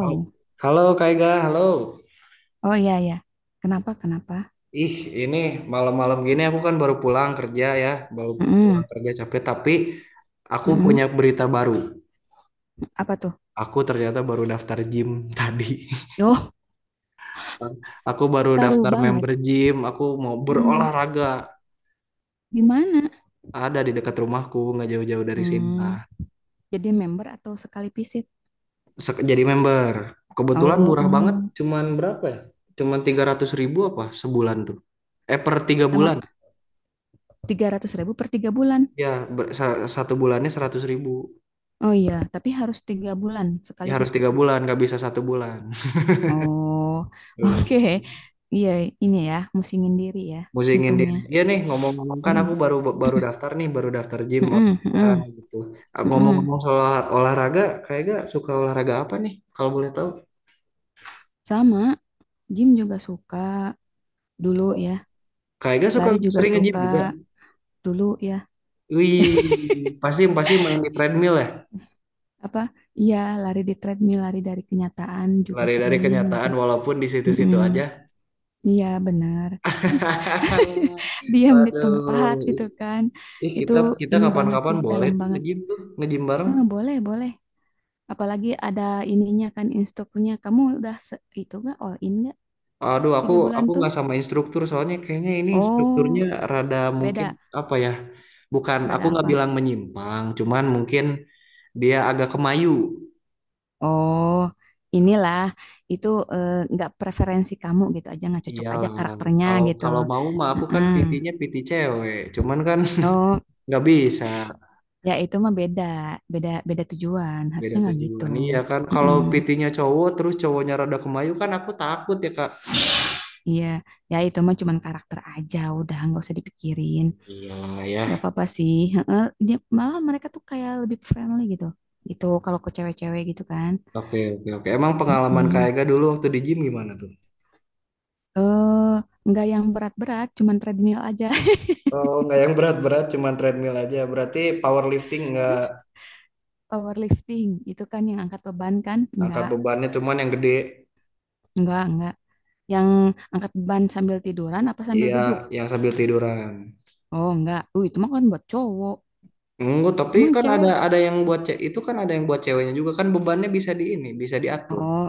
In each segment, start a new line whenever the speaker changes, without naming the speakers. Hal- Halo Kak Ega, halo.
Oh iya ya. Kenapa? Kenapa?
Ih, ini malam-malam gini aku kan baru pulang kerja ya, baru pulang
Mm-mm,
kerja capek, tapi aku punya
mm-mm.
berita baru.
Apa tuh?
Aku ternyata baru daftar gym tadi.
Oh,
Aku baru
baru
daftar
banget.
member gym, aku mau
Mm.
berolahraga.
Di mana?
Ada di dekat rumahku, nggak jauh-jauh dari sini
Hmm,
lah.
jadi member atau sekali visit?
Jadi member. Kebetulan
Oh,
murah banget, cuman berapa ya? Cuman 300 ribu apa sebulan tuh? Per tiga
sama
bulan.
300.000 per 3 bulan.
Ya, satu bulannya 100 ribu.
Oh iya, tapi harus 3 bulan
Ya
sekaligus
harus tiga
gitu.
bulan nggak bisa satu bulan.
Oh,
Nggak bisa
oke. Iya, ini ya, musingin diri ya,
musingin
hitungnya.
diri ya nih, ngomong-ngomong kan aku
mm
baru baru daftar nih, baru daftar gym
mm-mm,
olahraga
mm-mm,
gitu. Ah,
mm-mm.
ngomong-ngomong soal olahraga, kayaknya suka olahraga apa nih kalau boleh tahu?
Sama, gym juga suka dulu ya,
Kayaknya suka
lari juga
sering nge-gym
suka
juga.
dulu ya.
Wih, pasti pasti main di treadmill ya,
Apa iya, lari di treadmill, lari dari kenyataan juga
lari dari
sering gitu.
kenyataan walaupun di situ-situ
Mm-mm.
aja.
Iya benar. Diam di tempat gitu
Waduh,
kan.
ih,
Itu
kita kita
ini banget
kapan-kapan
sih,
boleh
dalam
tuh
banget.
nge-gym, tuh nge-gym bareng.
Boleh boleh, apalagi ada ininya kan, instrukturnya kamu udah itu gak all in gak
Aduh, aku
3 bulan
aku
tuh?
nggak sama instruktur soalnya kayaknya ini instrukturnya
Oh,
rada mungkin,
beda.
apa ya? Bukan, aku
Rada
nggak
apa?
bilang menyimpang, cuman mungkin dia agak kemayu.
Oh inilah, itu, nggak preferensi kamu gitu, aja nggak cocok aja
Iyalah,
karakternya
kalau
gitu.
kalau mau mah aku kan
Heeh.
PT-nya PT cewek, cuman kan,
Oh.
nggak bisa
Ya itu mah beda, beda beda tujuan.
beda
Harusnya nggak gitu.
tujuan. Iya kan, kalau
Mm-mm.
PT-nya cowok terus cowoknya rada kemayu kan aku takut ya, Kak.
Iya, ya itu mah cuman karakter aja. Udah nggak usah dipikirin.
Iyalah ya.
Nggak apa-apa sih. Heeh. Dia, malah mereka tuh kayak lebih friendly gitu. Gitu kalau ke cewek-cewek gitu kan.
Oke, oke, oke. Emang pengalaman Kak
Mm-mm.
Ega dulu waktu di gym gimana tuh?
Eh, nggak yang berat-berat, cuman treadmill aja.
Oh, nggak yang berat-berat, cuman treadmill aja. Berarti powerlifting nggak,
Powerlifting itu kan yang angkat beban kan?
angkat bebannya cuman yang gede,
Enggak, enggak. Yang angkat beban sambil tiduran apa sambil
ya
duduk?
yang sambil tiduran.
Oh, enggak. Itu mah kan buat cowok.
Enggak, tapi
Emang
kan ada
cewek?
yang buat cewek itu, kan ada yang buat ceweknya juga kan bebannya bisa di ini, bisa diatur,
Oh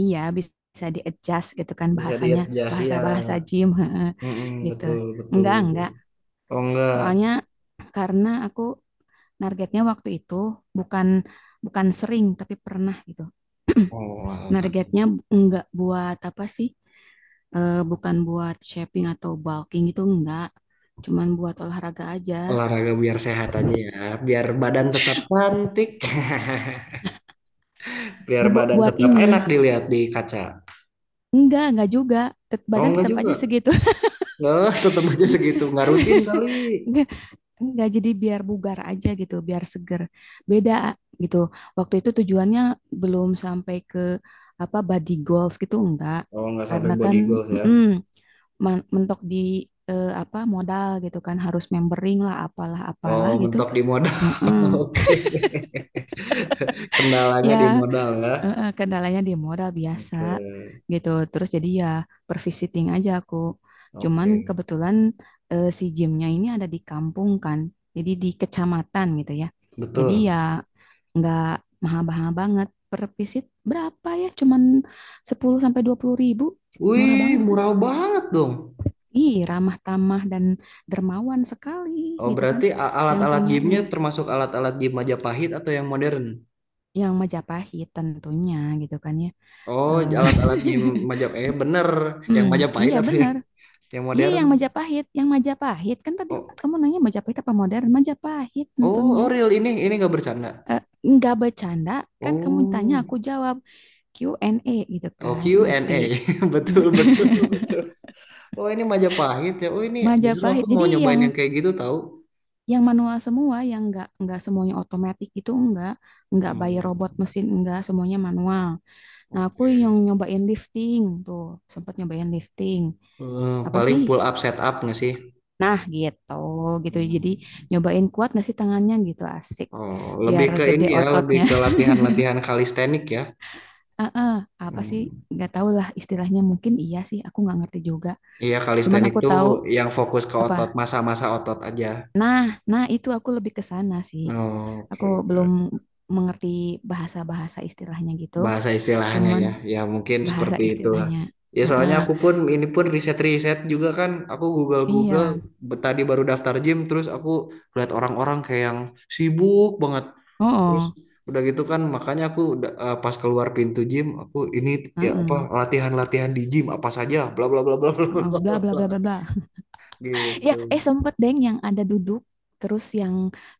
iya, bisa di adjust gitu kan
bisa
bahasanya,
di-adjust ya.
bahasa-bahasa gym. Heeh,
Mm-mm,
gitu.
betul betul.
Enggak enggak.
Oh, enggak.
Soalnya karena aku targetnya waktu itu bukan bukan sering tapi pernah gitu.
Oh, alah.
Targetnya enggak buat apa sih? Bukan buat shaping atau bulking, itu enggak. Cuman buat olahraga aja.
Olahraga biar sehat aja ya, biar badan tetap cantik. Biar badan
Buat
tetap enak
ini.
dilihat di kaca.
Enggak juga.
Oh,
Badan
enggak
tetap aja
juga,
segitu.
enggak, tetap aja segitu, nggak rutin kali.
Enggak, jadi biar bugar aja gitu, biar seger. Beda gitu. Waktu itu tujuannya belum sampai ke apa body goals gitu, enggak.
Oh, enggak sampai
Karena kan
body goals ya.
mm-mm, mentok di apa modal gitu kan, harus membering lah, apalah
Oh,
apalah gitu.
mentok di modal.
Heeh.
Oke. Kendalanya
Ya,
di modal ya.
kendalanya di modal biasa
Oke.
gitu. Terus jadi ya per visiting aja aku. Cuman
Oke.
kebetulan si gymnya ini ada di kampung kan. Jadi di kecamatan gitu ya. Jadi ya
Betul.
nggak mahal-mahal banget. Per visit berapa ya? Cuman 10.000 sampai 20.000. Murah
Wih,
banget kan?
murah banget dong.
Ih, ramah tamah dan dermawan sekali
Oh,
gitu kan.
berarti
Yang
alat-alat
punyanya.
gymnya termasuk alat-alat gym Majapahit atau yang modern?
Yang Majapahit tentunya gitu kan ya.
Oh,
Eh,
alat-alat gym majap. Eh, bener. Yang
Hmm,
Majapahit
iya
atau
benar.
yang
Iya
modern?
yang Majapahit kan tadi
Oh,
kamu nanya Majapahit apa modern? Majapahit
oh,
tentunya.
oh, real ini. Ini nggak bercanda.
Eh, nggak bercanda, kan kamu tanya
Oh,
aku jawab, Q&A gitu
oh,
kan,
Q and
asik.
a Betul, betul, betul. Oh ini Majapahit ya. Oh ini justru
Majapahit.
aku mau
Jadi
nyobain
yang
yang kayak gitu tahu.
yang manual semua, yang nggak semuanya otomatis, itu enggak, nggak by robot
Hmm,
mesin, enggak, semuanya manual. Nah aku yang
oke.
nyobain lifting tuh, sempat nyobain lifting.
Eh,
Apa
paling
sih?
pull up set up nggak sih?
Nah, gitu, gitu. Jadi
Hmm.
nyobain kuat nggak sih tangannya gitu, asik.
Oh, lebih
Biar
ke
gede
ini ya, lebih
ototnya.
ke latihan-latihan kalistenik ya.
ah ah, apa sih?
Hmm.
Nggak tahu lah istilahnya. Mungkin iya sih, aku nggak ngerti juga.
Iya,
Cuman
kalistenik
aku
tuh
tahu
yang fokus ke
apa.
otot, masa-masa otot aja.
Nah, nah, itu aku lebih ke sana sih.
Oh, oke,
Aku belum
oke.
mengerti bahasa-bahasa istilahnya gitu.
Bahasa istilahnya
Cuman
ya, ya mungkin
bahasa
seperti itulah.
istilahnya.
Ya
ah
soalnya
ah.
aku pun ini pun riset-riset juga kan, aku Google-Google,
Iya.
tadi baru daftar gym terus aku lihat orang-orang kayak yang sibuk banget,
Oh,
terus
oh.
udah gitu kan makanya aku udah, pas keluar pintu gym aku ini, ya apa
Heeh,
latihan-latihan di gym apa saja, bla bla bla bla bla bla
heeh. Bla
bla
bla
bla.
bla bla bla. Ya,
Gitu.
sempet deng yang ada duduk, terus yang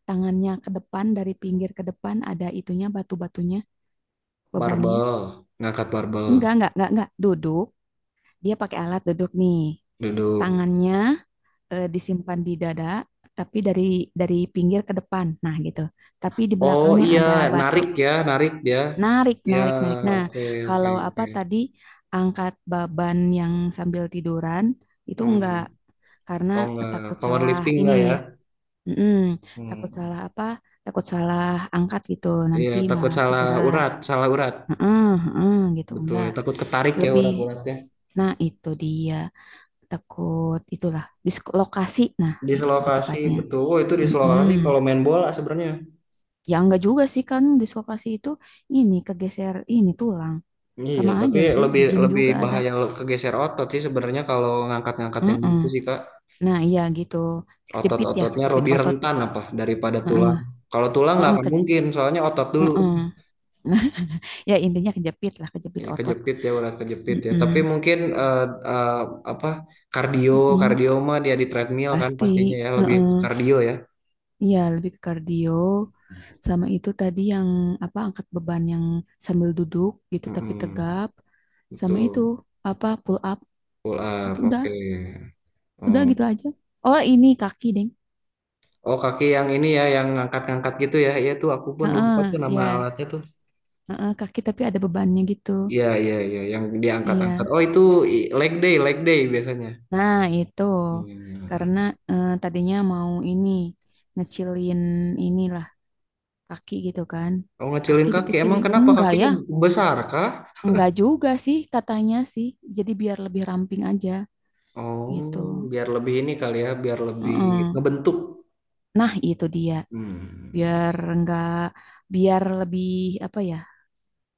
tangannya ke depan, dari pinggir ke depan, ada itunya, batu-batunya, bebannya.
Barbel, ngangkat barbel
Enggak, enggak. Duduk, dia pakai alat duduk nih.
duduk.
Tangannya disimpan di dada, tapi dari pinggir ke depan. Nah, gitu. Tapi di
Oh
belakangnya
iya,
ada batu.
narik ya, narik ya,
Narik,
ya
narik, narik. Nah,
oke, oke,
kalau apa
oke.
tadi angkat beban yang sambil tiduran itu
Hmm,
enggak, karena
oh nggak,
takut salah
powerlifting
ini.
nggak ya?
Mm-mm. Takut
Hmm,
salah apa? Takut salah angkat gitu,
iya
nanti
takut
malah cedera.
salah urat,
Heeh, heeh, gitu
betul.
enggak.
Ya. Takut ketarik ya
Lebih,
urat-uratnya.
nah itu dia, takut itulah dislokasi, nah lebih
Dislokasi,
tepatnya.
betul. Oh itu
Mm-mm.
dislokasi kalau main bola sebenarnya.
Ya enggak juga sih, kan dislokasi itu ini kegeser ini tulang.
Iya,
Sama
tapi
aja sih
lebih
di gym
lebih
juga ada.
bahaya, kegeser otot sih sebenarnya kalau ngangkat-ngangkat yang
Mm-mm.
gitu sih, Kak.
Nah iya gitu, kejepit ya,
Otot-ototnya
kejepit
lebih
otot.
rentan apa daripada
Heeh,
tulang. Kalau tulang nggak
heeh,
akan mungkin, soalnya otot dulu.
heeh. Nah, ya intinya kejepit lah, kejepit
Iya
otot.
kejepit ya, urat kejepit ya.
Mm-mm.
Tapi mungkin eh, apa kardio,
Mm-mm,
kardio mah dia di treadmill kan pastinya
pasti.
ya, lebih ke
Heeh.
kardio ya.
Iya, lebih ke kardio. Sama itu tadi yang apa angkat beban yang sambil duduk gitu, tapi
Mm-mm,
tegap. Sama itu
betul.
apa pull up.
Pull
Itu
up.
udah,
Oke.
udah
Oh,
gitu aja. Oh, ini kaki, Deng.
oh, kaki yang ini ya yang ngangkat-ngangkat gitu ya. Iya tuh aku pun lupa
Heeh,
tuh nama
ya.
alatnya tuh.
Heeh, kaki tapi ada bebannya gitu.
Iya iya iya, yang diangkat-angkat.
Iya.
Oh itu leg day, leg day biasanya.
Nah, itu
Iya.
karena tadinya mau ini, ngecilin inilah kaki gitu kan.
Oh,
Kaki
ngecilin kaki. Emang
dikecilin.
kenapa
Enggak ya,
kakinya besar kah?
enggak juga sih katanya sih. Jadi biar lebih ramping aja gitu.
Oh biar lebih ini kali ya, biar lebih
Mm-mm.
ngebentuk.
Nah, itu dia.
Hmm.
Biar enggak, biar lebih apa ya?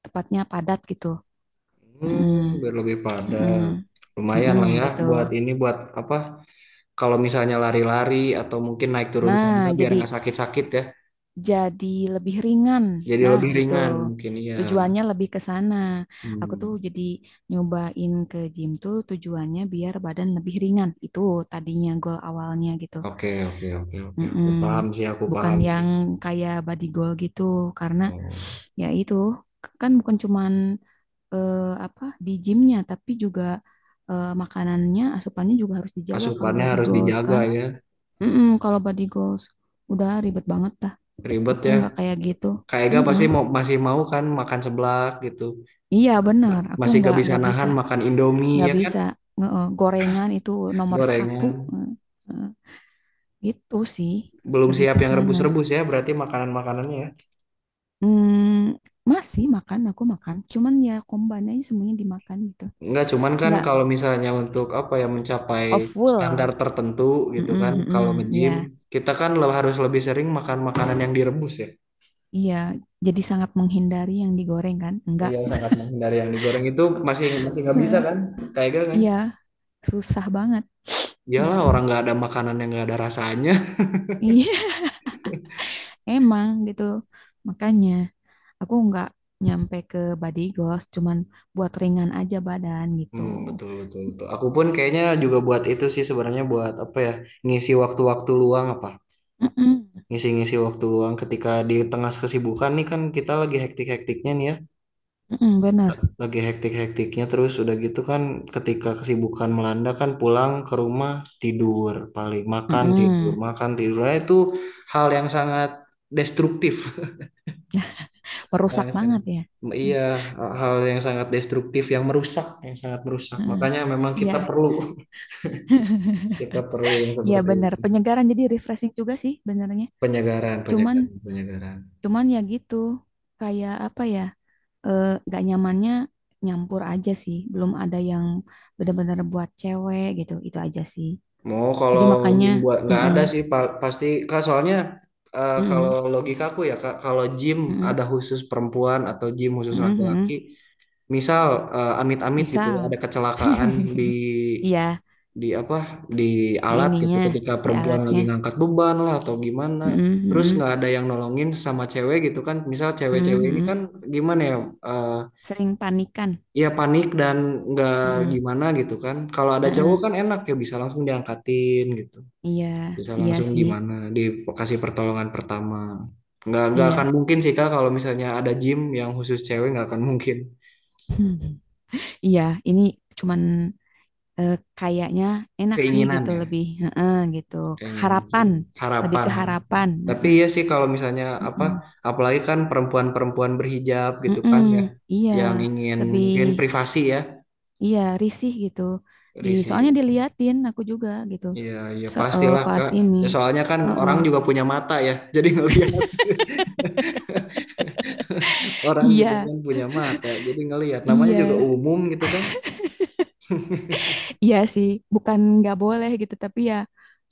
Tepatnya padat gitu. Mm-mm.
Hmm, biar lebih
Mm-mm.
padat. Lumayan
Mm-mm,
lah ya
gitu.
buat ini, buat apa? Kalau misalnya lari-lari atau mungkin naik turun
Nah,
tangga biar
jadi
nggak sakit-sakit ya.
jadi lebih ringan.
Jadi
Nah,
lebih
gitu.
ringan mungkin ya.
Tujuannya lebih ke sana. Aku tuh
Hmm.
jadi nyobain ke gym tuh tujuannya biar badan lebih ringan. Itu tadinya goal awalnya gitu.
Oke, oke, oke, oke, oke.
Mm-mm.
Paham sih, aku
Bukan
paham sih.
yang kayak body goal gitu, karena
Oh.
ya itu kan bukan cuman eh, apa di gymnya tapi juga makanannya, asupannya juga harus dijaga kalau
Asupannya
body
harus
goals
dijaga
kan.
ya.
Mm-mm, kalau body goals udah ribet banget dah.
Ribet
Aku
ya.
nggak kayak gitu.
Kak Ega pasti
Mm-mm.
mau masih mau kan makan seblak gitu.
Iya benar. Aku
Masih gak bisa
nggak bisa,
nahan makan Indomie
nggak
ya kan?
bisa gorengan itu nomor satu.
Gorengan.
Eh, eh, Gitu sih,
Belum
lebih
siap
ke
yang
sana.
rebus-rebus ya berarti makanan-makanannya ya.
Hmm, masih makan, aku makan. Cuman ya komban aja semuanya dimakan gitu.
Enggak, cuman kan
Nggak
kalau misalnya untuk apa ya, mencapai
of
standar
full.
tertentu gitu
Mm-mm,
kan, kalau
mm-mm.
nge-gym
Iya,
kita kan harus lebih sering makan makanan yang direbus ya.
iya. Jadi sangat menghindari yang digoreng kan? Enggak.
Iya, sangat menghindari yang digoreng itu masih, masih nggak bisa
Heeh.
kan, kayak gitu kan?
Iya, susah banget
Iyalah,
gitu.
orang nggak ada makanan yang nggak ada rasanya.
Iya, emang gitu. Makanya aku nggak nyampe ke body goals, cuman buat ringan aja badan gitu.
Hmm, betul betul betul. Aku pun kayaknya juga buat itu sih sebenarnya, buat apa ya, ngisi waktu-waktu luang apa,
Mm-mm,
ngisi-ngisi waktu luang ketika di tengah kesibukan nih kan, kita lagi hektik-hektiknya nih ya,
mm-mm, bener.
lagi hektik-hektiknya terus udah gitu kan, ketika kesibukan melanda kan pulang ke rumah tidur, paling makan tidur,
Mm-mm.
makan tidur. Nah, itu hal yang sangat destruktif. Hal
Merusak
yang
banget
sangat-,
ya.
iya, hal yang sangat destruktif, yang merusak, yang sangat merusak,
Mm-mm.
makanya memang
Iya.
kita perlu. Kita perlu yang
Ya
seperti
benar,
itu,
penyegaran, jadi refreshing juga sih benernya.
penyegaran,
Cuman
penyegaran, penyegaran.
cuman ya gitu. Kayak apa ya? eh, Gak nyamannya nyampur aja sih. Belum ada yang benar-benar buat cewek gitu. Itu aja sih.
Mau,
Jadi
kalau
makanya
gym buat, nggak
mm-mm,
ada sih, pasti Kak, soalnya kalau
mm-mm,
logika aku ya Kak, kalau gym
mm-mm,
ada khusus perempuan atau gym khusus
mm-mm,
laki-laki,
mm-mm.
misal, amit-amit gitu ya,
Misal
ada kecelakaan di
iya,
di apa, di
di
alat gitu
ininya,
ketika
di
perempuan lagi
alatnya.
ngangkat beban lah atau gimana,
Mm-mm,
terus
mm-mm,
nggak ada yang nolongin, sama cewek gitu kan, misal
mm-mm,
cewek-cewek ini
mm-mm.
kan gimana ya, eh,
Sering panikan.
ya panik dan nggak
Mm-mm,
gimana gitu kan, kalau ada cowok
mm-mm.
kan enak ya, bisa langsung diangkatin gitu,
Iya,
bisa
iya
langsung
sih.
gimana, dikasih pertolongan pertama, nggak akan
Iya.
mungkin sih Kak kalau misalnya ada gym yang khusus cewek, nggak akan mungkin.
Iya, ini cuman eh, kayaknya enak sih
Keinginan
gitu,
ya,
lebih, heeh, gitu,
keinginan,
harapan, lebih
harapan,
ke
harapan.
harapan,
Tapi
heeh.
iya sih, kalau misalnya apa,
Mm-mm.
apalagi kan perempuan-perempuan berhijab gitu kan
Mm-mm.
ya,
Iya,
yang ingin
lebih,
mungkin privasi ya,
iya risih gitu, di
risih.
soalnya diliatin aku juga gitu.
Iya, iya pastilah,
Pas
Kak.
ini.
Ya, soalnya kan
Heeh.
orang juga punya mata ya, jadi ngelihat. Orang juga
Iya,
kan punya mata, jadi ngelihat. Namanya juga
iya,
umum gitu kan.
iya sih, bukan nggak boleh gitu tapi ya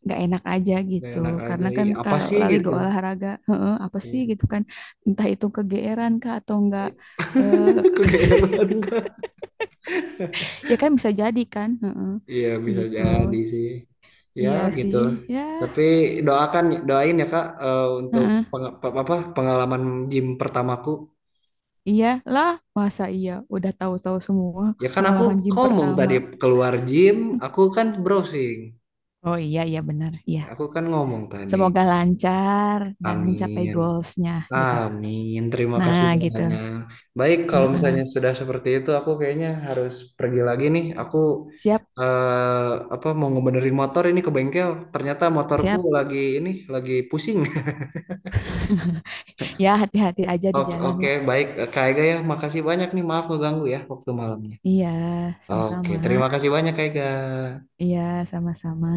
nggak enak aja
Gak
gitu.
enak aja.
Karena
Ih,
kan
apa
kalau
sih
lali go
gitu?
olahraga, heeh, apa sih
Iya.
gitu kan, entah itu kegeeran kah atau enggak.
Kegeeran, Kak.
Ya kan bisa jadi kan, heeh,
Iya bisa
gitu.
jadi sih. Ya
Iya
gitu.
sih,
Lah.
ya,
Tapi doakan, doain ya Kak, untuk
heeh.
apa pengalaman gym pertamaku.
Iya lah, masa iya udah tahu-tahu semua
Ya kan aku
pengalaman gym
ngomong
pertama.
tadi keluar gym, aku kan browsing.
Oh iya, iya benar, iya.
Aku kan ngomong tadi,
Semoga lancar dan mencapai
amin,
goalsnya gitu.
amin, terima kasih
Nah gitu,
banyak. Baik, kalau misalnya
heeh.
sudah seperti itu, aku kayaknya harus pergi lagi nih. Aku
Siap
eh, apa mau ngebenerin motor ini ke bengkel. Ternyata motorku
siap.
lagi ini lagi pusing.
Ya hati-hati aja di
Oke,
jalan
oke,
lah.
baik, Kak Ega ya, makasih banyak nih. Maaf ngeganggu ya waktu malamnya.
Iya,
Oke,
sama-sama.
terima kasih banyak Kak Ega.
Iya, sama-sama.